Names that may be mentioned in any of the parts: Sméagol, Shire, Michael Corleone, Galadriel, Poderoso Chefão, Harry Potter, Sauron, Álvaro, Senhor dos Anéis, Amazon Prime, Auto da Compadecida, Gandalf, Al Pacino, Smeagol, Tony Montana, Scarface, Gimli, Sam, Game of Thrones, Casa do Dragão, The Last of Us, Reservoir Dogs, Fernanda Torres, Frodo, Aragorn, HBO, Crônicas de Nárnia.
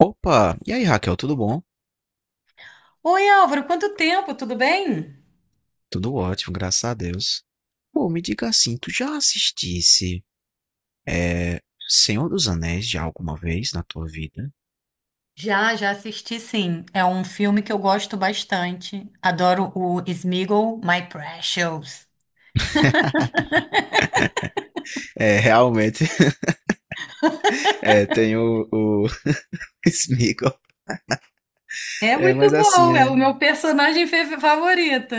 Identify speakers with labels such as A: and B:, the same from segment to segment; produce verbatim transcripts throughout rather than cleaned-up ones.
A: Opa! E aí, Raquel, tudo bom?
B: Oi, Álvaro, quanto tempo? Tudo bem?
A: Tudo ótimo, graças a Deus. Pô, me diga assim, tu já assistisse é, Senhor dos Anéis já alguma vez na tua vida?
B: Já, já assisti, sim. É um filme que eu gosto bastante. Adoro o Smeagol, My Precious.
A: É, realmente, é, tem o, o Sméagol.
B: É
A: É,
B: muito
A: mas assim,
B: bom, é
A: é,
B: o meu personagem fe- favorito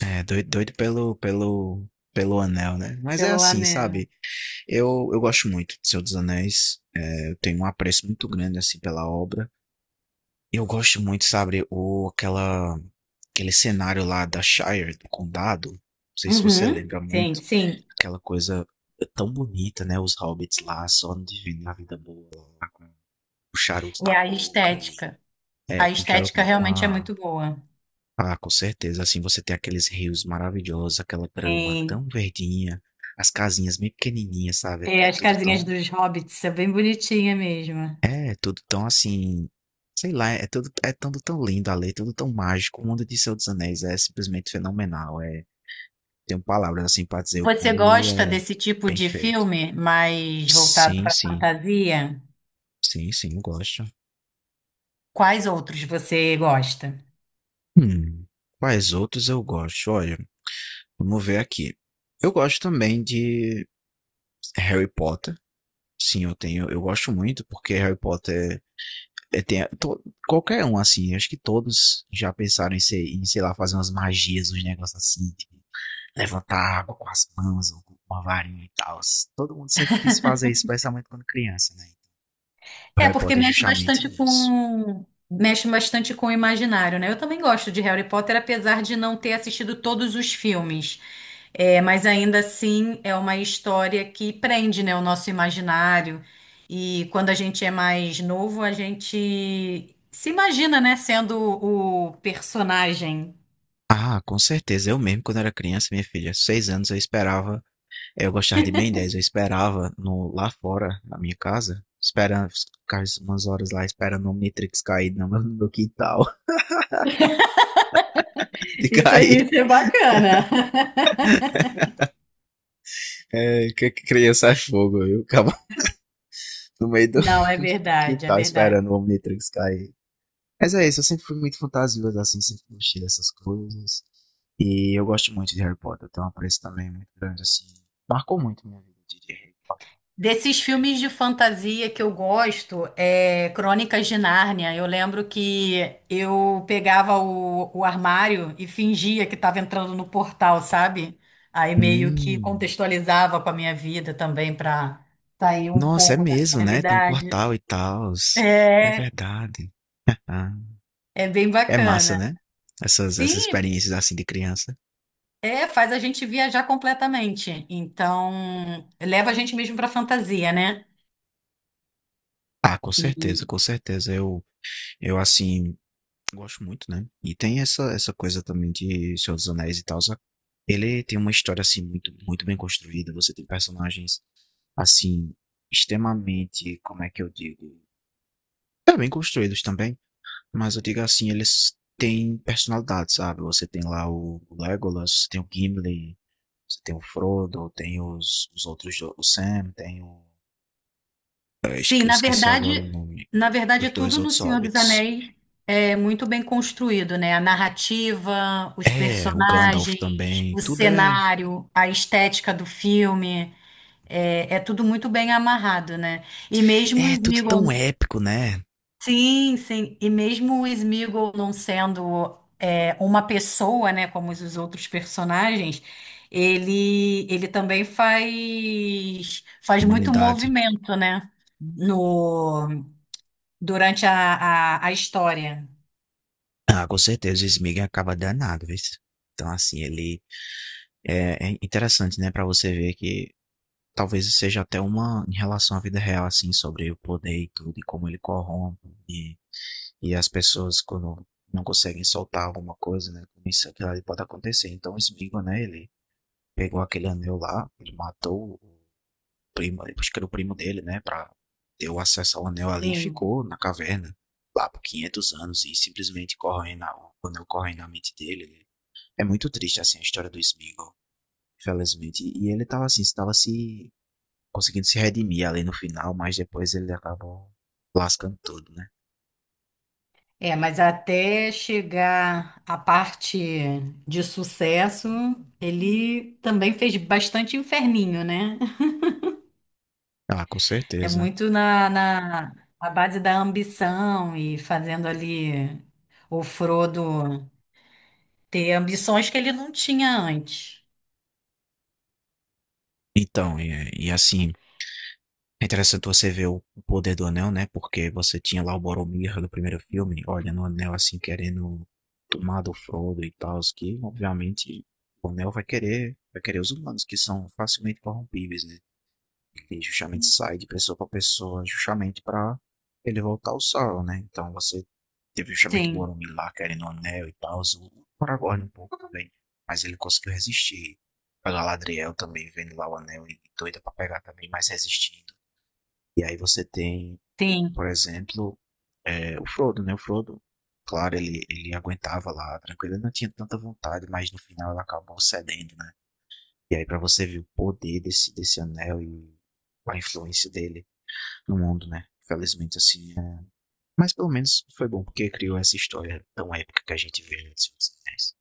A: é doido, doido pelo, pelo, pelo anel, né? Mas é
B: pelo
A: assim,
B: anel.
A: sabe? Eu, eu gosto muito de Senhor dos Anéis. É, eu tenho um apreço muito grande, assim, pela obra. Eu gosto muito, sabe, o, aquela, aquele cenário lá da Shire, do condado. Não sei se você
B: Uhum.
A: lembra muito.
B: Sim, sim.
A: Aquela coisa tão bonita, né? Os hobbits lá, só vivendo a vida boa, lá, com o charuto na
B: É a
A: boca e.
B: estética.
A: É,
B: A
A: com o charuto
B: estética
A: não, com
B: realmente é
A: a.
B: muito boa.
A: Ah, com certeza. Assim, você tem aqueles rios maravilhosos, aquela grama tão
B: Sim,
A: verdinha, as casinhas bem pequenininhas, sabe?
B: tem
A: É é
B: as
A: tudo
B: casinhas
A: tão.
B: dos hobbits, é bem bonitinha mesmo.
A: É, tudo tão assim, sei lá, é tudo é tudo tão lindo ali, é tudo tão mágico. O mundo de Senhor dos Anéis é simplesmente fenomenal, eh, tenho palavras, assim, pra dizer o
B: Você
A: quão ele
B: gosta
A: é
B: desse tipo
A: bem
B: de
A: feito.
B: filme mais voltado
A: Sim,
B: para
A: sim.
B: fantasia?
A: Sim, sim, eu gosto.
B: Quais outros você gosta?
A: Hum, quais outros eu gosto? Olha, vamos ver aqui. Eu gosto também de Harry Potter. Sim, eu tenho eu gosto muito, porque Harry Potter, é é, tem to qualquer um, assim, acho que todos já pensaram em ser em, sei lá, fazer umas magias, uns negócios assim, tipo levantar água com as mãos ou com uma varinha e tal. Todo mundo sempre quis fazer isso, especialmente quando criança, né? O
B: É,
A: Harry
B: porque
A: Potter é
B: mexe
A: justamente
B: bastante
A: nisso.
B: com mexe bastante com o imaginário, né? Eu também gosto de Harry Potter, apesar de não ter assistido todos os filmes. É, mas ainda assim é uma história que prende, né, o nosso imaginário. E quando a gente é mais novo, a gente se imagina, né, sendo o personagem.
A: Ah, com certeza. Eu mesmo, quando era criança, minha filha, aos seis anos, eu esperava. Eu gostava de Ben dez, eu esperava no, lá fora, na minha casa, esperando, ficar umas horas lá esperando o Omnitrix cair no meu, no meu quintal. De
B: Isso, é-
A: cair.
B: isso é bacana.
A: É, que criança é fogo, eu acabo no meio do,
B: Não, é
A: do
B: verdade, é
A: quintal
B: verdade.
A: esperando o Omnitrix cair. Mas é isso, eu sempre fui muito fantasioso, assim, sempre gostei dessas coisas. E eu gosto muito de Harry Potter, eu tenho um apreço também muito grande, assim. Marcou muito minha vida, eu diria Harry Potter.
B: Desses filmes de fantasia que eu gosto, é Crônicas de Nárnia. Eu lembro que eu pegava o, o armário e fingia que estava entrando no portal, sabe? Aí meio que
A: Hum.
B: contextualizava com a minha vida também para sair um
A: Nossa, é
B: pouco da
A: mesmo, né? Tem um
B: realidade.
A: portal e tal. É
B: É,
A: verdade. Ah,
B: é bem
A: é massa,
B: bacana.
A: né? Essas, essas
B: Sim,
A: experiências assim de criança.
B: é, faz a gente viajar completamente. Então, leva a gente mesmo para fantasia, né?
A: Ah, com certeza, com certeza. Eu, eu assim, gosto muito, né? E tem essa, essa coisa também de Senhor dos Anéis e tal. só- Ele tem uma história assim muito, muito bem construída. Você tem personagens assim, extremamente, como é que eu digo? É bem construídos também, mas eu digo assim, eles têm personalidade, sabe? Você tem lá o Legolas, tem o Gimli, você tem o Frodo, tem os, os outros, do- o Sam, tem o. Eu
B: Sim,
A: esque- eu
B: na
A: esqueci agora o
B: verdade,
A: nome.
B: na verdade,
A: Os dois
B: tudo no
A: outros
B: Senhor dos
A: hobbits.
B: Anéis é muito bem construído, né? A narrativa, os
A: É, o Gandalf
B: personagens,
A: também.
B: o
A: Tudo é.
B: cenário, a estética do filme, é, é tudo muito bem amarrado, né? E mesmo o
A: É, tudo tão
B: Sméagol,
A: épico, né?
B: sim, sim, e mesmo o Sméagol não sendo é, uma pessoa, né, como os os outros personagens, ele ele também faz faz muito
A: Humanidade.
B: movimento, né? No Durante a, a, a história.
A: Ah, com certeza o Smeagol acaba danado, viu? Então, assim, ele. É, é interessante, né? Pra você ver que talvez seja até uma em relação à vida real, assim, sobre o poder e tudo, e como ele corrompe, e, e as pessoas quando não conseguem soltar alguma coisa, né? Como isso aquilo ali pode acontecer. Então, o Smigo, né? Ele pegou aquele anel lá, ele matou o primo, acho que era o primo dele, né? Pra ter o acesso ao anel ali e
B: Sim.
A: ficou na caverna lá por quinhentos anos e simplesmente corre na, o anel corre na mente dele, né. É muito triste, assim, a história do Smigo, infelizmente. E ele tava assim, estava se conseguindo se redimir ali no final, mas depois ele acabou lascando tudo, né?
B: É, mas até chegar à parte de sucesso, ele também fez bastante inferninho, né?
A: Ah, com
B: É
A: certeza.
B: muito na, na, na base da ambição e fazendo ali o Frodo ter ambições que ele não tinha antes.
A: Então, e, e assim, é interessante você ver o o poder do anel, né? Porque você tinha lá o Boromir do primeiro filme, olha no anel assim, querendo tomar do Frodo e tal, que obviamente o anel vai querer, vai querer os humanos que são facilmente corrompíveis, né? Ele justamente sai de pessoa para pessoa, justamente para ele voltar ao Sauron, né? Então você teve justamente
B: Sim.
A: Boromir lá querendo o anel e tal, o Aragorn um pouco também, mas ele conseguiu resistir. A Galadriel também vendo lá o anel e doida para pegar também, mas resistindo. E aí você tem,
B: Sim.
A: por exemplo, é, o Frodo, né? O Frodo, claro, ele, ele aguentava lá tranquilo, ele não tinha tanta vontade, mas no final ela acabou cedendo, né? E aí para você ver o poder desse, desse anel e a influência dele no mundo, né? Felizmente, assim. É... Mas pelo menos foi bom porque criou essa história tão épica que a gente vê no Senhor dos Anéis.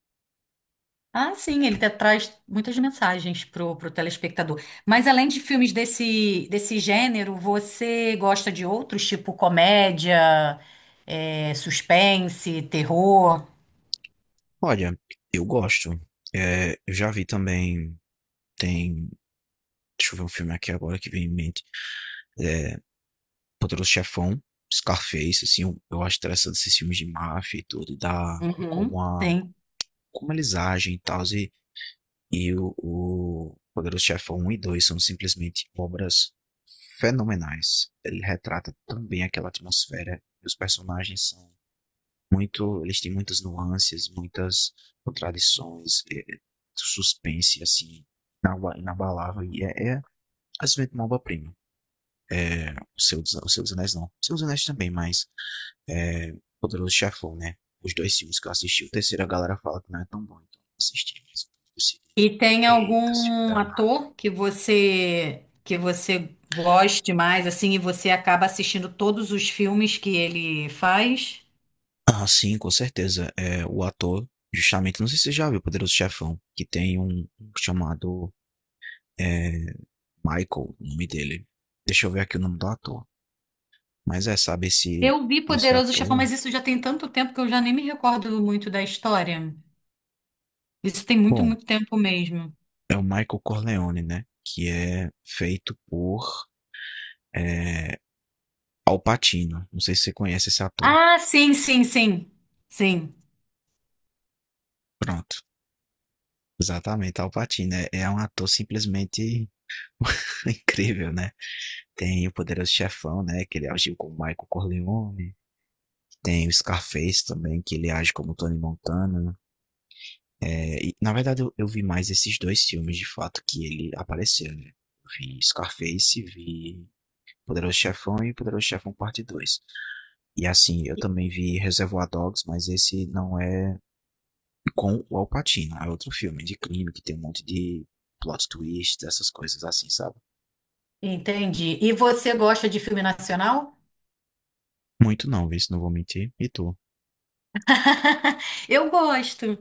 B: Ah, sim, ele te- traz muitas mensagens pro, pro telespectador. Mas além de filmes desse, desse gênero, você gosta de outros, tipo comédia, é, suspense, terror?
A: Olha, eu gosto. É, eu já vi também. Tem. Deixa eu ver um filme aqui agora que vem em mente. É, Poderoso Chefão, Scarface, assim. Eu, eu acho interessante esses filmes de máfia e tudo, e da. E
B: Uhum,
A: como a.
B: sim.
A: Como eles agem e tal. E E o, o Poderoso Chefão um e dois são simplesmente obras fenomenais. Ele retrata tão bem aquela atmosfera. Os personagens são muito. Eles têm muitas nuances, muitas contradições, é, suspense, assim, inabalável. E é, é simplesmente uma obra-prima. É, o, seu, o Seu dos Anéis não. O Seu dos Anéis também, mas. É, Poderoso Chefão, né? Os dois filmes que eu assisti. O terceiro a galera fala que não é tão bom, então não assisti. Mas eu decidi,
B: E tem
A: eita, filme
B: algum
A: danado.
B: ator que você que você goste mais, assim, e você acaba assistindo todos os filmes que ele faz?
A: Ah, sim, com certeza. É, o ator, justamente, não sei se você já viu Poderoso Chefão, que tem um, um chamado é, Michael, o nome dele. Deixa eu ver aqui o nome do ator. Mas é, sabe, esse,
B: Eu vi
A: esse
B: Poderoso Chefão,
A: ator.
B: mas isso já tem tanto tempo que eu já nem me recordo muito da história. Isso tem muito,
A: Bom,
B: muito tempo mesmo.
A: é o Michael Corleone, né? Que é feito por é, Al Pacino. Não sei se você conhece esse ator.
B: Ah, sim, sim, sim. Sim.
A: Pronto. Exatamente, Al Pacino. É, é um ator simplesmente incrível, né? Tem o Poderoso Chefão, né? Que ele agiu com o Michael Corleone. Tem o Scarface também, que ele age como Tony Montana. É, e, na verdade, eu, eu vi mais esses dois filmes, de fato, que ele apareceu, né? Eu vi Scarface, vi Poderoso Chefão e Poderoso Chefão Parte Dois. E assim, eu
B: E-
A: também vi Reservoir Dogs, mas esse não é com o Al Pacino. É outro filme de crime que tem um monte de plot twist, essas coisas assim, sabe?
B: Entendi. E você gosta de filme nacional?
A: Muito não, viu? Não vou mentir. E tu?
B: Eu gosto.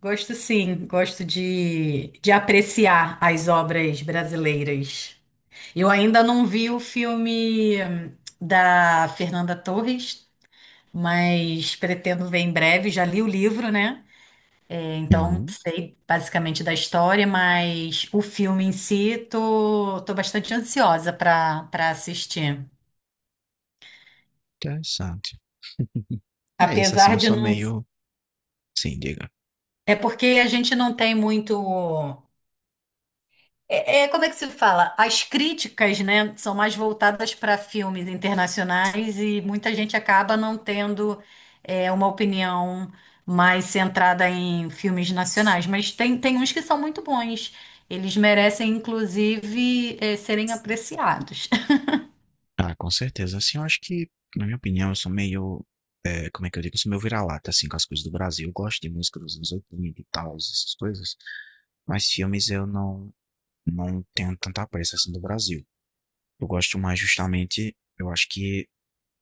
B: Gosto sim. Gosto de, de apreciar as obras brasileiras. Eu ainda não vi o filme hum, da Fernanda Torres, mas pretendo ver em breve. Já li o livro, né? Então,
A: Hum,
B: sei basicamente da história, mas o filme em si, tô, tô bastante ansiosa para para assistir.
A: interessante. É isso, assim,
B: Apesar
A: eu
B: de
A: sou
B: não.
A: meio... Sim, diga.
B: É porque a gente não tem muito. É, é- como é que se fala? As críticas, né, são mais voltadas para filmes internacionais e muita gente acaba não tendo é, uma opinião mais centrada em filmes nacionais. Mas tem, tem uns que são muito bons. Eles merecem, inclusive, é, serem apreciados.
A: Ah, com certeza. Assim, eu acho que, na minha opinião, eu sou meio, eh, como é que eu digo? Eu sou meio vira-lata, assim, com as coisas do Brasil. Eu gosto de música dos anos oitenta e tal, essas coisas. Mas filmes eu não, não tenho tanta pressa, assim, do Brasil. Eu gosto mais, justamente, eu acho que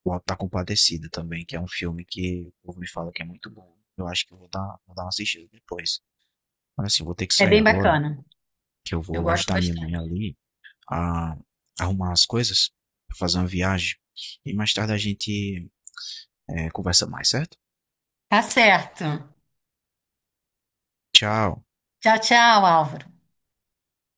A: o Auto da Compadecida também, que é um filme que o povo me fala que é muito bom. Eu acho que eu vou dar, vou dar uma assistida depois. Mas, assim, eu vou ter que
B: É
A: sair
B: bem
A: agora,
B: bacana.
A: que eu
B: Eu
A: vou
B: gosto
A: ajudar minha mãe
B: bastante.
A: ali a arrumar as coisas, fazer uma viagem. E mais tarde a gente é, conversa mais, certo?
B: Tá certo.
A: Tchau.
B: Tchau, tchau, Álvaro.